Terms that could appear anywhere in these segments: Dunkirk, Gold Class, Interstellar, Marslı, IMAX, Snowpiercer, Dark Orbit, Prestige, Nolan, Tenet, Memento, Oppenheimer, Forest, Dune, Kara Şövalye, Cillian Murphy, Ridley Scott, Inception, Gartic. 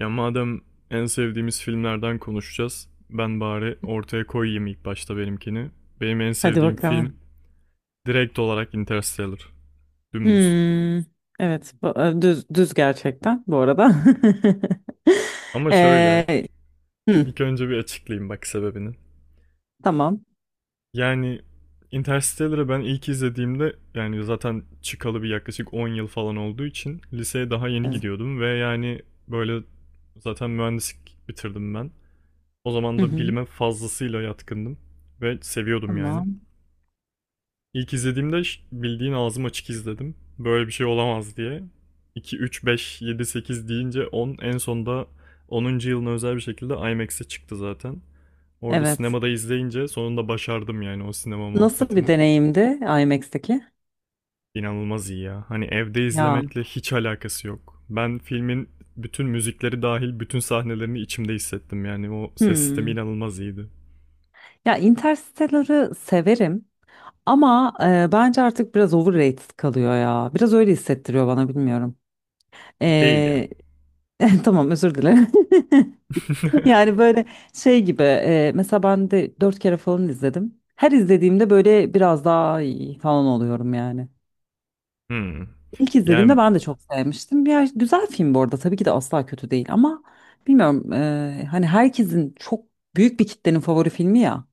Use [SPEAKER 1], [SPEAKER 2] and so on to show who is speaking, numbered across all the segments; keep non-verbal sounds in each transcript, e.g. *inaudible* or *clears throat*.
[SPEAKER 1] Ya madem en sevdiğimiz filmlerden konuşacağız, ben bari ortaya koyayım ilk başta benimkini. Benim en
[SPEAKER 2] Hadi
[SPEAKER 1] sevdiğim film
[SPEAKER 2] bakalım.
[SPEAKER 1] direkt olarak Interstellar. Dümdüz.
[SPEAKER 2] Hmm, evet, düz düz gerçekten bu arada.
[SPEAKER 1] Ama
[SPEAKER 2] *laughs*
[SPEAKER 1] şöyle,
[SPEAKER 2] Ee, hı,
[SPEAKER 1] ilk önce bir açıklayayım bak sebebini.
[SPEAKER 2] tamam.
[SPEAKER 1] Yani Interstellar'ı ben ilk izlediğimde yani zaten çıkalı bir yaklaşık 10 yıl falan olduğu için liseye daha yeni
[SPEAKER 2] Evet.
[SPEAKER 1] gidiyordum ve yani böyle zaten mühendislik bitirdim ben. O zaman
[SPEAKER 2] Hı
[SPEAKER 1] da
[SPEAKER 2] hı,
[SPEAKER 1] bilime fazlasıyla yatkındım ve seviyordum yani.
[SPEAKER 2] tamam.
[SPEAKER 1] İlk izlediğimde bildiğin ağzım açık izledim. Böyle bir şey olamaz diye. 2, 3, 5, 7, 8 deyince 10, en sonunda onuncu yılına özel bir şekilde IMAX'e çıktı zaten. Orada
[SPEAKER 2] Evet.
[SPEAKER 1] sinemada izleyince sonunda başardım yani o sinema
[SPEAKER 2] Nasıl bir
[SPEAKER 1] muhabbetini.
[SPEAKER 2] deneyimdi IMAX'teki?
[SPEAKER 1] İnanılmaz iyi ya. Hani evde
[SPEAKER 2] Ya.
[SPEAKER 1] izlemekle hiç alakası yok. Ben filmin bütün müzikleri dahil bütün sahnelerini içimde hissettim yani o ses sistemi
[SPEAKER 2] Hmm.
[SPEAKER 1] inanılmaz iyiydi.
[SPEAKER 2] Ya Interstellar'ı severim ama bence artık biraz overrated kalıyor ya. Biraz öyle hissettiriyor bana, bilmiyorum.
[SPEAKER 1] Değil ya.
[SPEAKER 2] Ee, *laughs* tamam, özür dilerim. *laughs*
[SPEAKER 1] *laughs*
[SPEAKER 2] Yani böyle şey gibi, mesela ben de dört kere falan izledim. Her izlediğimde böyle biraz daha iyi falan oluyorum yani.
[SPEAKER 1] Hmm.
[SPEAKER 2] İlk izlediğimde
[SPEAKER 1] Yani.
[SPEAKER 2] ben de çok sevmiştim. Bir güzel film bu arada, tabii ki de asla kötü değil ama bilmiyorum, hani herkesin çok, büyük bir kitlenin favori filmi ya.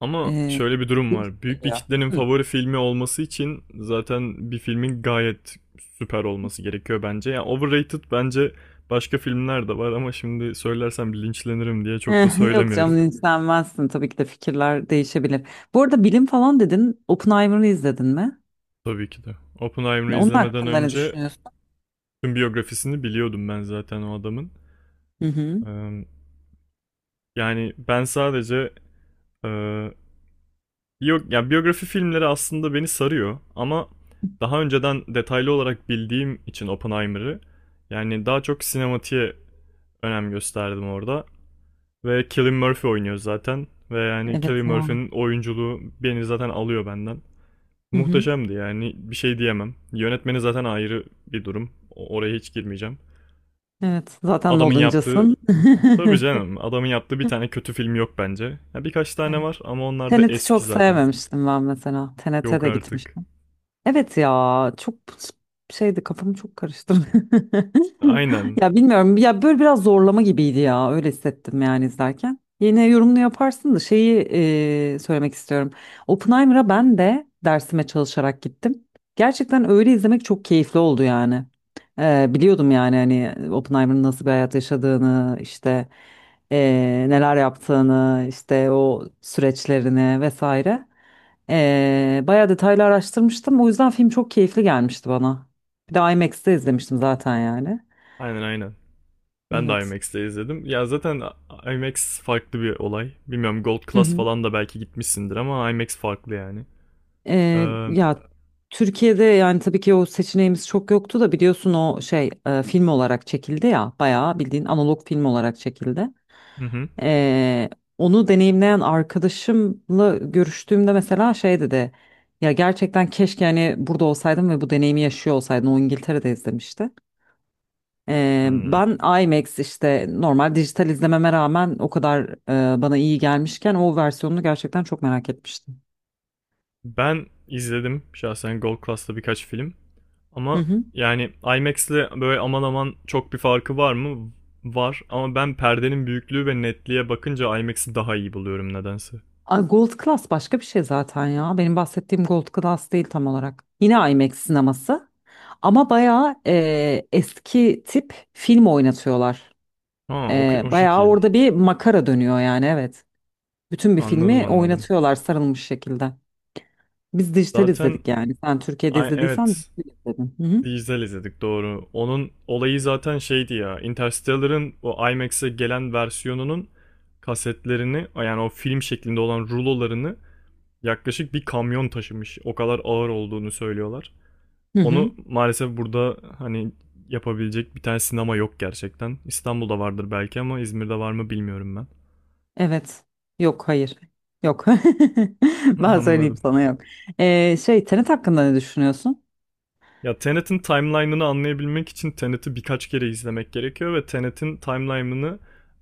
[SPEAKER 1] Ama
[SPEAKER 2] E,
[SPEAKER 1] şöyle bir durum var. Büyük bir
[SPEAKER 2] Geliyor.
[SPEAKER 1] kitlenin
[SPEAKER 2] Hı.
[SPEAKER 1] favori
[SPEAKER 2] *laughs*
[SPEAKER 1] filmi olması için zaten bir filmin gayet süper olması gerekiyor bence. Yani overrated bence başka filmler de var ama şimdi söylersem linçlenirim diye çok da
[SPEAKER 2] Yok
[SPEAKER 1] söylemiyorum.
[SPEAKER 2] canım, linçlenmezsin tabii ki de, fikirler değişebilir. Bu arada, bilim falan dedin, Oppenheimer'ı izledin mi?
[SPEAKER 1] Tabii ki de. Oppenheimer'ı
[SPEAKER 2] Onun
[SPEAKER 1] izlemeden
[SPEAKER 2] hakkında ne
[SPEAKER 1] önce
[SPEAKER 2] düşünüyorsun?
[SPEAKER 1] tüm biyografisini biliyordum ben zaten o adamın.
[SPEAKER 2] Hı hı.
[SPEAKER 1] Ee, Yani ben sadece e, yok yani biyografi filmleri aslında beni sarıyor ama daha önceden detaylı olarak bildiğim için Oppenheimer'ı yani daha çok sinematiğe önem gösterdim orada. Ve Cillian Murphy oynuyor zaten ve yani Cillian
[SPEAKER 2] Evet ya.
[SPEAKER 1] Murphy'nin oyunculuğu beni zaten alıyor benden.
[SPEAKER 2] Hı hı.
[SPEAKER 1] Muhteşemdi yani bir şey diyemem. Yönetmeni zaten ayrı bir durum. Oraya hiç girmeyeceğim.
[SPEAKER 2] Evet. Zaten
[SPEAKER 1] Adamın yaptığı,
[SPEAKER 2] Nolancısın.
[SPEAKER 1] tabii
[SPEAKER 2] *laughs*
[SPEAKER 1] canım, adamın yaptığı bir tane kötü film yok bence. Ya birkaç tane
[SPEAKER 2] Evet.
[SPEAKER 1] var ama onlar da
[SPEAKER 2] Tenet'i
[SPEAKER 1] eski
[SPEAKER 2] çok
[SPEAKER 1] zaten.
[SPEAKER 2] sevmemiştim ben mesela. Tenet'e
[SPEAKER 1] Yok
[SPEAKER 2] de gitmiş.
[SPEAKER 1] artık.
[SPEAKER 2] Evet ya, çok şeydi, kafamı çok karıştırdı. *laughs*
[SPEAKER 1] Aynen.
[SPEAKER 2] Ya bilmiyorum ya, böyle biraz zorlama gibiydi ya, öyle hissettim yani izlerken. Yine yorumunu yaparsın da şeyi, söylemek istiyorum. Oppenheimer'a ben de dersime çalışarak gittim. Gerçekten öyle izlemek çok keyifli oldu yani. Biliyordum yani, hani Oppenheimer'ın nasıl bir hayat yaşadığını, işte, neler yaptığını, işte o süreçlerini vesaire. Bayağı detaylı araştırmıştım. O yüzden film çok keyifli gelmişti bana. Bir de IMAX'te izlemiştim zaten yani.
[SPEAKER 1] Aynen, aynen. Ben de
[SPEAKER 2] Evet.
[SPEAKER 1] IMAX'te izledim. Ya zaten IMAX farklı bir olay. Bilmiyorum Gold
[SPEAKER 2] Hı
[SPEAKER 1] Class
[SPEAKER 2] hı.
[SPEAKER 1] falan da belki gitmişsindir ama IMAX farklı yani. Ee,
[SPEAKER 2] Ya, Türkiye'de yani tabii ki o seçeneğimiz çok yoktu da, biliyorsun, o şey, film olarak çekildi ya, bayağı bildiğin analog film olarak çekildi.
[SPEAKER 1] hı hı.
[SPEAKER 2] Ee, Onu deneyimleyen arkadaşımla görüştüğümde mesela şey dedi: ya gerçekten keşke hani burada olsaydım ve bu deneyimi yaşıyor olsaydım. O İngiltere'de izlemişti.
[SPEAKER 1] Hmm.
[SPEAKER 2] Ben IMAX, işte normal dijital izlememe rağmen o kadar bana iyi gelmişken, o versiyonunu gerçekten çok merak etmiştim.
[SPEAKER 1] Ben izledim şahsen Gold Class'ta birkaç film.
[SPEAKER 2] Hı
[SPEAKER 1] Ama
[SPEAKER 2] hı.
[SPEAKER 1] yani IMAX'le böyle aman aman çok bir farkı var mı? Var ama ben perdenin büyüklüğü ve netliğe bakınca IMAX'i daha iyi buluyorum nedense.
[SPEAKER 2] Ay, Gold Class başka bir şey zaten ya. Benim bahsettiğim Gold Class değil tam olarak. Yine IMAX sineması ama bayağı, eski tip film oynatıyorlar.
[SPEAKER 1] Ha o, o
[SPEAKER 2] Bayağı
[SPEAKER 1] şekil.
[SPEAKER 2] orada bir makara dönüyor yani, evet. Bütün bir
[SPEAKER 1] Anladım,
[SPEAKER 2] filmi
[SPEAKER 1] anladım.
[SPEAKER 2] oynatıyorlar sarılmış şekilde. Biz dijital
[SPEAKER 1] Zaten.
[SPEAKER 2] izledik yani. Sen Türkiye'de
[SPEAKER 1] Ay,
[SPEAKER 2] izlediysen
[SPEAKER 1] evet.
[SPEAKER 2] dijital izledin. Hı hı.
[SPEAKER 1] Dijital izledik doğru. Onun olayı zaten şeydi ya. Interstellar'ın o IMAX'e gelen versiyonunun kasetlerini yani o film şeklinde olan rulolarını yaklaşık bir kamyon taşımış. O kadar ağır olduğunu söylüyorlar.
[SPEAKER 2] Hı hı.
[SPEAKER 1] Onu maalesef burada hani yapabilecek bir tane sinema yok gerçekten. İstanbul'da vardır belki ama İzmir'de var mı bilmiyorum ben.
[SPEAKER 2] Evet. Yok, hayır. Yok.
[SPEAKER 1] *laughs*
[SPEAKER 2] *laughs* Ben söyleyeyim
[SPEAKER 1] Anladım.
[SPEAKER 2] sana, yok. Şey, Tenet hakkında ne düşünüyorsun?
[SPEAKER 1] Ya Tenet'in timeline'ını anlayabilmek için Tenet'i birkaç kere izlemek gerekiyor ve Tenet'in timeline'ını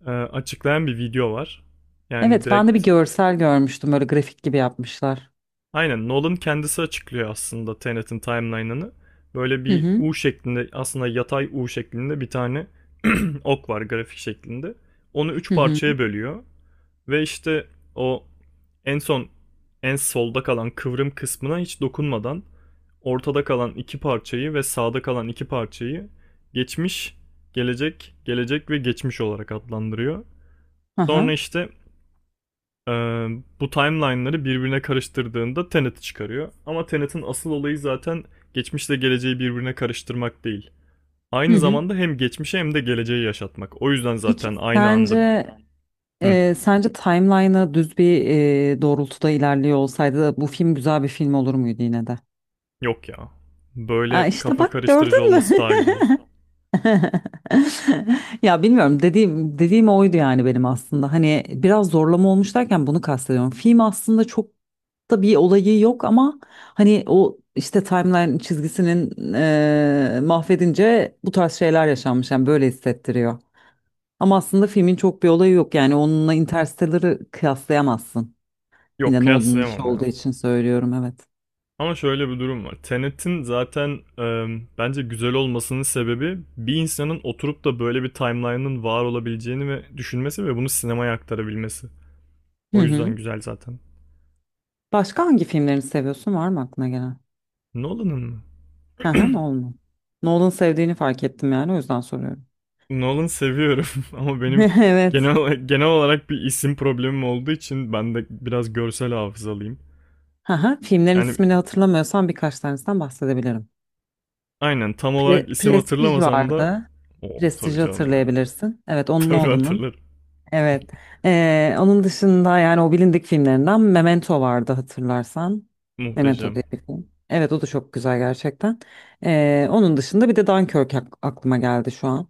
[SPEAKER 1] açıklayan bir video var. Yani
[SPEAKER 2] Evet, ben de bir
[SPEAKER 1] direkt
[SPEAKER 2] görsel görmüştüm. Böyle grafik gibi yapmışlar.
[SPEAKER 1] aynen Nolan kendisi açıklıyor aslında Tenet'in timeline'ını. Böyle
[SPEAKER 2] Hı
[SPEAKER 1] bir
[SPEAKER 2] hı.
[SPEAKER 1] U şeklinde aslında yatay U şeklinde bir tane *clears throat* ok var grafik şeklinde. Onu üç
[SPEAKER 2] Hı hı.
[SPEAKER 1] parçaya bölüyor ve işte o en son en solda kalan kıvrım kısmına hiç dokunmadan ortada kalan iki parçayı ve sağda kalan iki parçayı geçmiş, gelecek, gelecek ve geçmiş olarak adlandırıyor. Sonra
[SPEAKER 2] Aha.
[SPEAKER 1] işte e, bu timeline'ları birbirine karıştırdığında Tenet'i çıkarıyor. Ama Tenet'in asıl olayı zaten geçmişle geleceği birbirine karıştırmak değil.
[SPEAKER 2] Hı
[SPEAKER 1] Aynı
[SPEAKER 2] hı.
[SPEAKER 1] zamanda hem geçmişi hem de geleceği yaşatmak. O yüzden
[SPEAKER 2] Peki
[SPEAKER 1] zaten aynı anda.
[SPEAKER 2] sence,
[SPEAKER 1] Hı,
[SPEAKER 2] timeline'ı düz bir, doğrultuda ilerliyor olsaydı bu film güzel bir film olur muydu yine de?
[SPEAKER 1] yok ya.
[SPEAKER 2] Ha,
[SPEAKER 1] Böyle
[SPEAKER 2] işte
[SPEAKER 1] kafa
[SPEAKER 2] bak,
[SPEAKER 1] karıştırıcı
[SPEAKER 2] gördün mü?
[SPEAKER 1] olması
[SPEAKER 2] *laughs*
[SPEAKER 1] daha güzel.
[SPEAKER 2] *laughs* Ya bilmiyorum, dediğim dediğim oydu yani benim aslında. Hani biraz zorlama olmuş derken bunu kastediyorum. Film aslında çok da bir olayı yok ama hani o işte timeline çizgisinin mahvedince bu tarz şeyler yaşanmış. Yani böyle hissettiriyor. Ama aslında filmin çok bir olayı yok. Yani onunla Interstellar'ı kıyaslayamazsın.
[SPEAKER 1] Yok
[SPEAKER 2] Yine Nolan'ın işi
[SPEAKER 1] kıyaslayamam ya.
[SPEAKER 2] olduğu için söylüyorum, evet.
[SPEAKER 1] Ama şöyle bir durum var. Tenet'in zaten bence güzel olmasının sebebi bir insanın oturup da böyle bir timeline'ın var olabileceğini ve düşünmesi ve bunu sinemaya aktarabilmesi.
[SPEAKER 2] Hı
[SPEAKER 1] O
[SPEAKER 2] hı.
[SPEAKER 1] yüzden güzel zaten.
[SPEAKER 2] Başka hangi filmlerini seviyorsun? Var mı aklına gelen?
[SPEAKER 1] Nolan'ın mı?
[SPEAKER 2] Hı hı,
[SPEAKER 1] *clears throat*
[SPEAKER 2] Nolan. Nolan sevdiğini fark ettim yani, o yüzden soruyorum.
[SPEAKER 1] *laughs* Nolan seviyorum *laughs* ama benim
[SPEAKER 2] *laughs* Evet.
[SPEAKER 1] genel olarak bir isim problemim olduğu için ben de biraz görsel hafızalıyım.
[SPEAKER 2] Hı hı. Filmlerin
[SPEAKER 1] Yani
[SPEAKER 2] ismini hatırlamıyorsam birkaç tanesinden bahsedebilirim.
[SPEAKER 1] aynen tam olarak isim
[SPEAKER 2] Prestige
[SPEAKER 1] hatırlamasam da
[SPEAKER 2] vardı.
[SPEAKER 1] o tabii
[SPEAKER 2] Prestiji
[SPEAKER 1] canım ya.
[SPEAKER 2] hatırlayabilirsin. Evet,
[SPEAKER 1] *laughs*
[SPEAKER 2] onun,
[SPEAKER 1] Tabii
[SPEAKER 2] Nolan'ın.
[SPEAKER 1] hatırlarım.
[SPEAKER 2] Evet. Onun dışında yani, o bilindik filmlerinden Memento vardı, hatırlarsan. Memento
[SPEAKER 1] Muhteşem.
[SPEAKER 2] diye bir film. Evet, o da çok güzel gerçekten. Onun dışında bir de Dunkirk aklıma geldi şu an.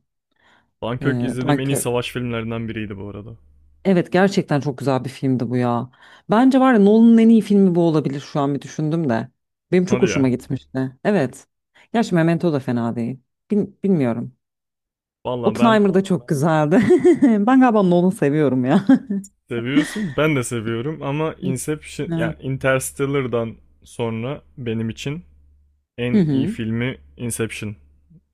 [SPEAKER 1] Dunkirk izlediğim en iyi
[SPEAKER 2] Dunkirk.
[SPEAKER 1] savaş filmlerinden biriydi bu arada.
[SPEAKER 2] Evet, gerçekten çok güzel bir filmdi bu ya. Bence var ya, Nolan'ın en iyi filmi bu olabilir, şu an bir düşündüm de. Benim çok
[SPEAKER 1] Hadi
[SPEAKER 2] hoşuma
[SPEAKER 1] ya.
[SPEAKER 2] gitmişti. Evet. Gerçi Memento da fena değil. Bilmiyorum.
[SPEAKER 1] Valla ben
[SPEAKER 2] Oppenheimer da çok güzeldi. *laughs* Ben galiba Nolan'ı seviyorum ya. *laughs*
[SPEAKER 1] seviyorsun. Ben de seviyorum ama
[SPEAKER 2] Hı.
[SPEAKER 1] Inception
[SPEAKER 2] Evet.
[SPEAKER 1] ya Interstellar'dan sonra benim için
[SPEAKER 2] Hı
[SPEAKER 1] en iyi
[SPEAKER 2] hı.
[SPEAKER 1] filmi Inception.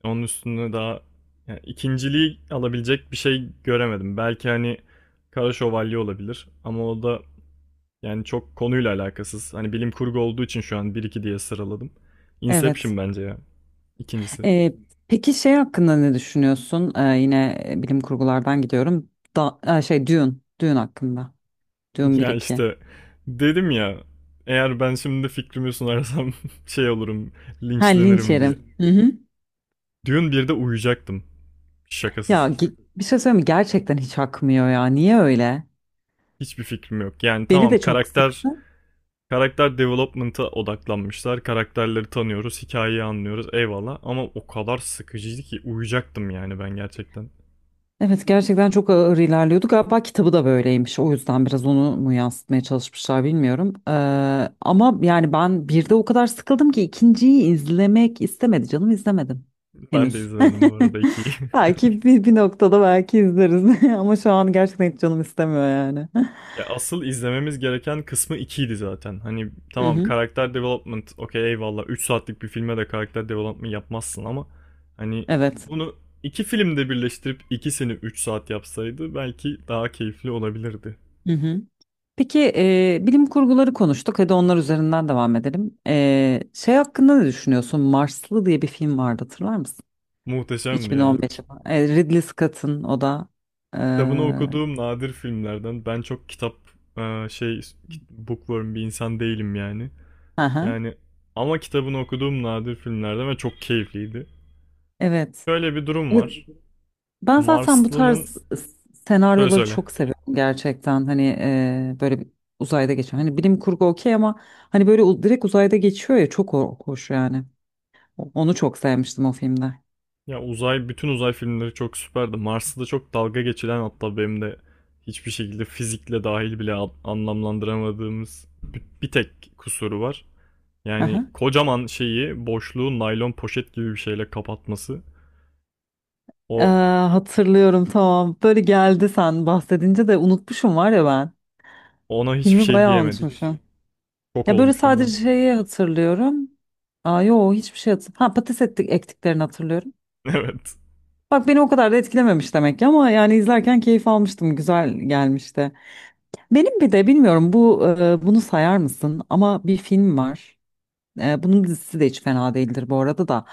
[SPEAKER 1] Onun üstünde daha yani ikinciliği alabilecek bir şey göremedim. Belki hani Kara Şövalye olabilir ama o da yani çok konuyla alakasız. Hani bilim kurgu olduğu için şu an bir iki diye sıraladım.
[SPEAKER 2] Evet.
[SPEAKER 1] Inception bence ya. İkincisi.
[SPEAKER 2] Ee, peki şey hakkında ne düşünüyorsun? Yine, bilim kurgulardan gidiyorum. Şey, Dune. Dune hakkında. Dune bir
[SPEAKER 1] Ya
[SPEAKER 2] iki.
[SPEAKER 1] işte dedim ya eğer ben şimdi fikrimi sunarsam *laughs* şey olurum
[SPEAKER 2] Ha, linç
[SPEAKER 1] linçlenirim diye.
[SPEAKER 2] yerim. Hı hı.
[SPEAKER 1] Dune 1'de uyuyacaktım
[SPEAKER 2] Ya
[SPEAKER 1] şakasız.
[SPEAKER 2] bir şey söyleyeyim mi? Gerçekten hiç akmıyor ya. Niye öyle?
[SPEAKER 1] Hiçbir fikrim yok. Yani
[SPEAKER 2] Beni
[SPEAKER 1] tamam
[SPEAKER 2] de çok
[SPEAKER 1] karakter
[SPEAKER 2] sıktı.
[SPEAKER 1] karakter development'a odaklanmışlar. Karakterleri tanıyoruz, hikayeyi anlıyoruz eyvallah ama o kadar sıkıcıydı ki uyuyacaktım yani ben gerçekten.
[SPEAKER 2] Evet, gerçekten çok ağır ilerliyordu. Galiba kitabı da böyleymiş. O yüzden biraz onu mu yansıtmaya çalışmışlar, bilmiyorum. Ama yani ben bir de o kadar sıkıldım ki ikinciyi izlemek istemedi canım, izlemedim.
[SPEAKER 1] Ben de
[SPEAKER 2] Henüz.
[SPEAKER 1] izlemedim bu arada 2'yi.
[SPEAKER 2] *laughs*
[SPEAKER 1] *laughs*
[SPEAKER 2] Belki bir noktada belki izleriz. *laughs* Ama şu an gerçekten hiç canım istemiyor yani.
[SPEAKER 1] Ya asıl izlememiz gereken kısmı ikiydi zaten. Hani
[SPEAKER 2] *laughs* Hı
[SPEAKER 1] tamam
[SPEAKER 2] hı.
[SPEAKER 1] karakter development okey eyvallah 3 saatlik bir filme de karakter development yapmazsın ama hani
[SPEAKER 2] Evet.
[SPEAKER 1] bunu iki filmde birleştirip ikisini 3 saat yapsaydı belki daha keyifli olabilirdi.
[SPEAKER 2] Hı hı. Peki, bilim kurguları konuştuk. Hadi onlar üzerinden devam edelim. Şey hakkında ne düşünüyorsun? Marslı diye bir film vardı, hatırlar mısın?
[SPEAKER 1] Muhteşemdi ya.
[SPEAKER 2] 2015 yapımı. Ridley Scott'ın, o da.
[SPEAKER 1] Kitabını
[SPEAKER 2] Hı
[SPEAKER 1] okuduğum nadir filmlerden ben çok kitap şey, bookworm bir insan değilim yani.
[SPEAKER 2] hı,
[SPEAKER 1] Yani ama kitabını okuduğum nadir filmlerden ve çok keyifliydi.
[SPEAKER 2] evet.
[SPEAKER 1] Şöyle bir durum
[SPEAKER 2] Evet.
[SPEAKER 1] var.
[SPEAKER 2] Ben zaten bu
[SPEAKER 1] Marslı'nın
[SPEAKER 2] tarz
[SPEAKER 1] söyle
[SPEAKER 2] senaryoları
[SPEAKER 1] söyle.
[SPEAKER 2] çok seviyorum gerçekten. Hani, böyle bir, uzayda geçiyor. Hani bilim kurgu, okey ama hani böyle direkt uzayda geçiyor ya, çok hoş yani. Onu çok sevmiştim o filmde.
[SPEAKER 1] Ya bütün uzay filmleri çok süperdi. Mars'ı da çok dalga geçilen, hatta benim de hiçbir şekilde fizikle dahil bile anlamlandıramadığımız bir tek kusuru var. Yani kocaman şeyi, boşluğu naylon poşet gibi bir şeyle kapatması.
[SPEAKER 2] Ee,
[SPEAKER 1] O
[SPEAKER 2] Hatırlıyorum, tamam. Böyle geldi sen bahsedince, de unutmuşum var ya ben.
[SPEAKER 1] Ona hiçbir
[SPEAKER 2] Filmi
[SPEAKER 1] şey
[SPEAKER 2] bayağı
[SPEAKER 1] diyemedik.
[SPEAKER 2] unutmuşum.
[SPEAKER 1] Şok
[SPEAKER 2] Ya böyle
[SPEAKER 1] olmuştum
[SPEAKER 2] sadece
[SPEAKER 1] ben.
[SPEAKER 2] şeyi hatırlıyorum. Aa, yo, hiçbir şey hatırlamıyorum. Ha, patates ettik, ektiklerini hatırlıyorum.
[SPEAKER 1] *laughs* Evet.
[SPEAKER 2] Bak beni o kadar da etkilememiş demek ki ama yani izlerken keyif almıştım. Güzel gelmişti. Benim bir de, bilmiyorum bu, bunu sayar mısın ama bir film var. Bunun dizisi de hiç fena değildir bu arada da.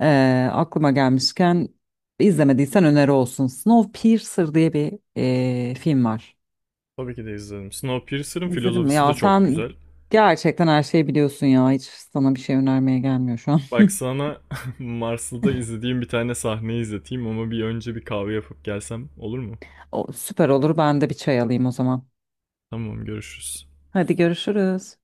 [SPEAKER 2] Aklıma gelmişken, izlemediysen öneri olsun. Snowpiercer diye bir, film var.
[SPEAKER 1] Tabii ki de izledim. Snowpiercer'ın
[SPEAKER 2] İzledin mi?
[SPEAKER 1] filozofisi de
[SPEAKER 2] Ya
[SPEAKER 1] çok
[SPEAKER 2] sen
[SPEAKER 1] güzel.
[SPEAKER 2] gerçekten her şeyi biliyorsun ya. Hiç sana bir şey önermeye gelmiyor şu an. *laughs*
[SPEAKER 1] Bak sana *laughs* Marslı'da izlediğim bir tane sahneyi izleteyim ama bir önce bir kahve yapıp gelsem olur mu?
[SPEAKER 2] O, süper olur. Ben de bir çay alayım o zaman.
[SPEAKER 1] Tamam görüşürüz.
[SPEAKER 2] Hadi görüşürüz.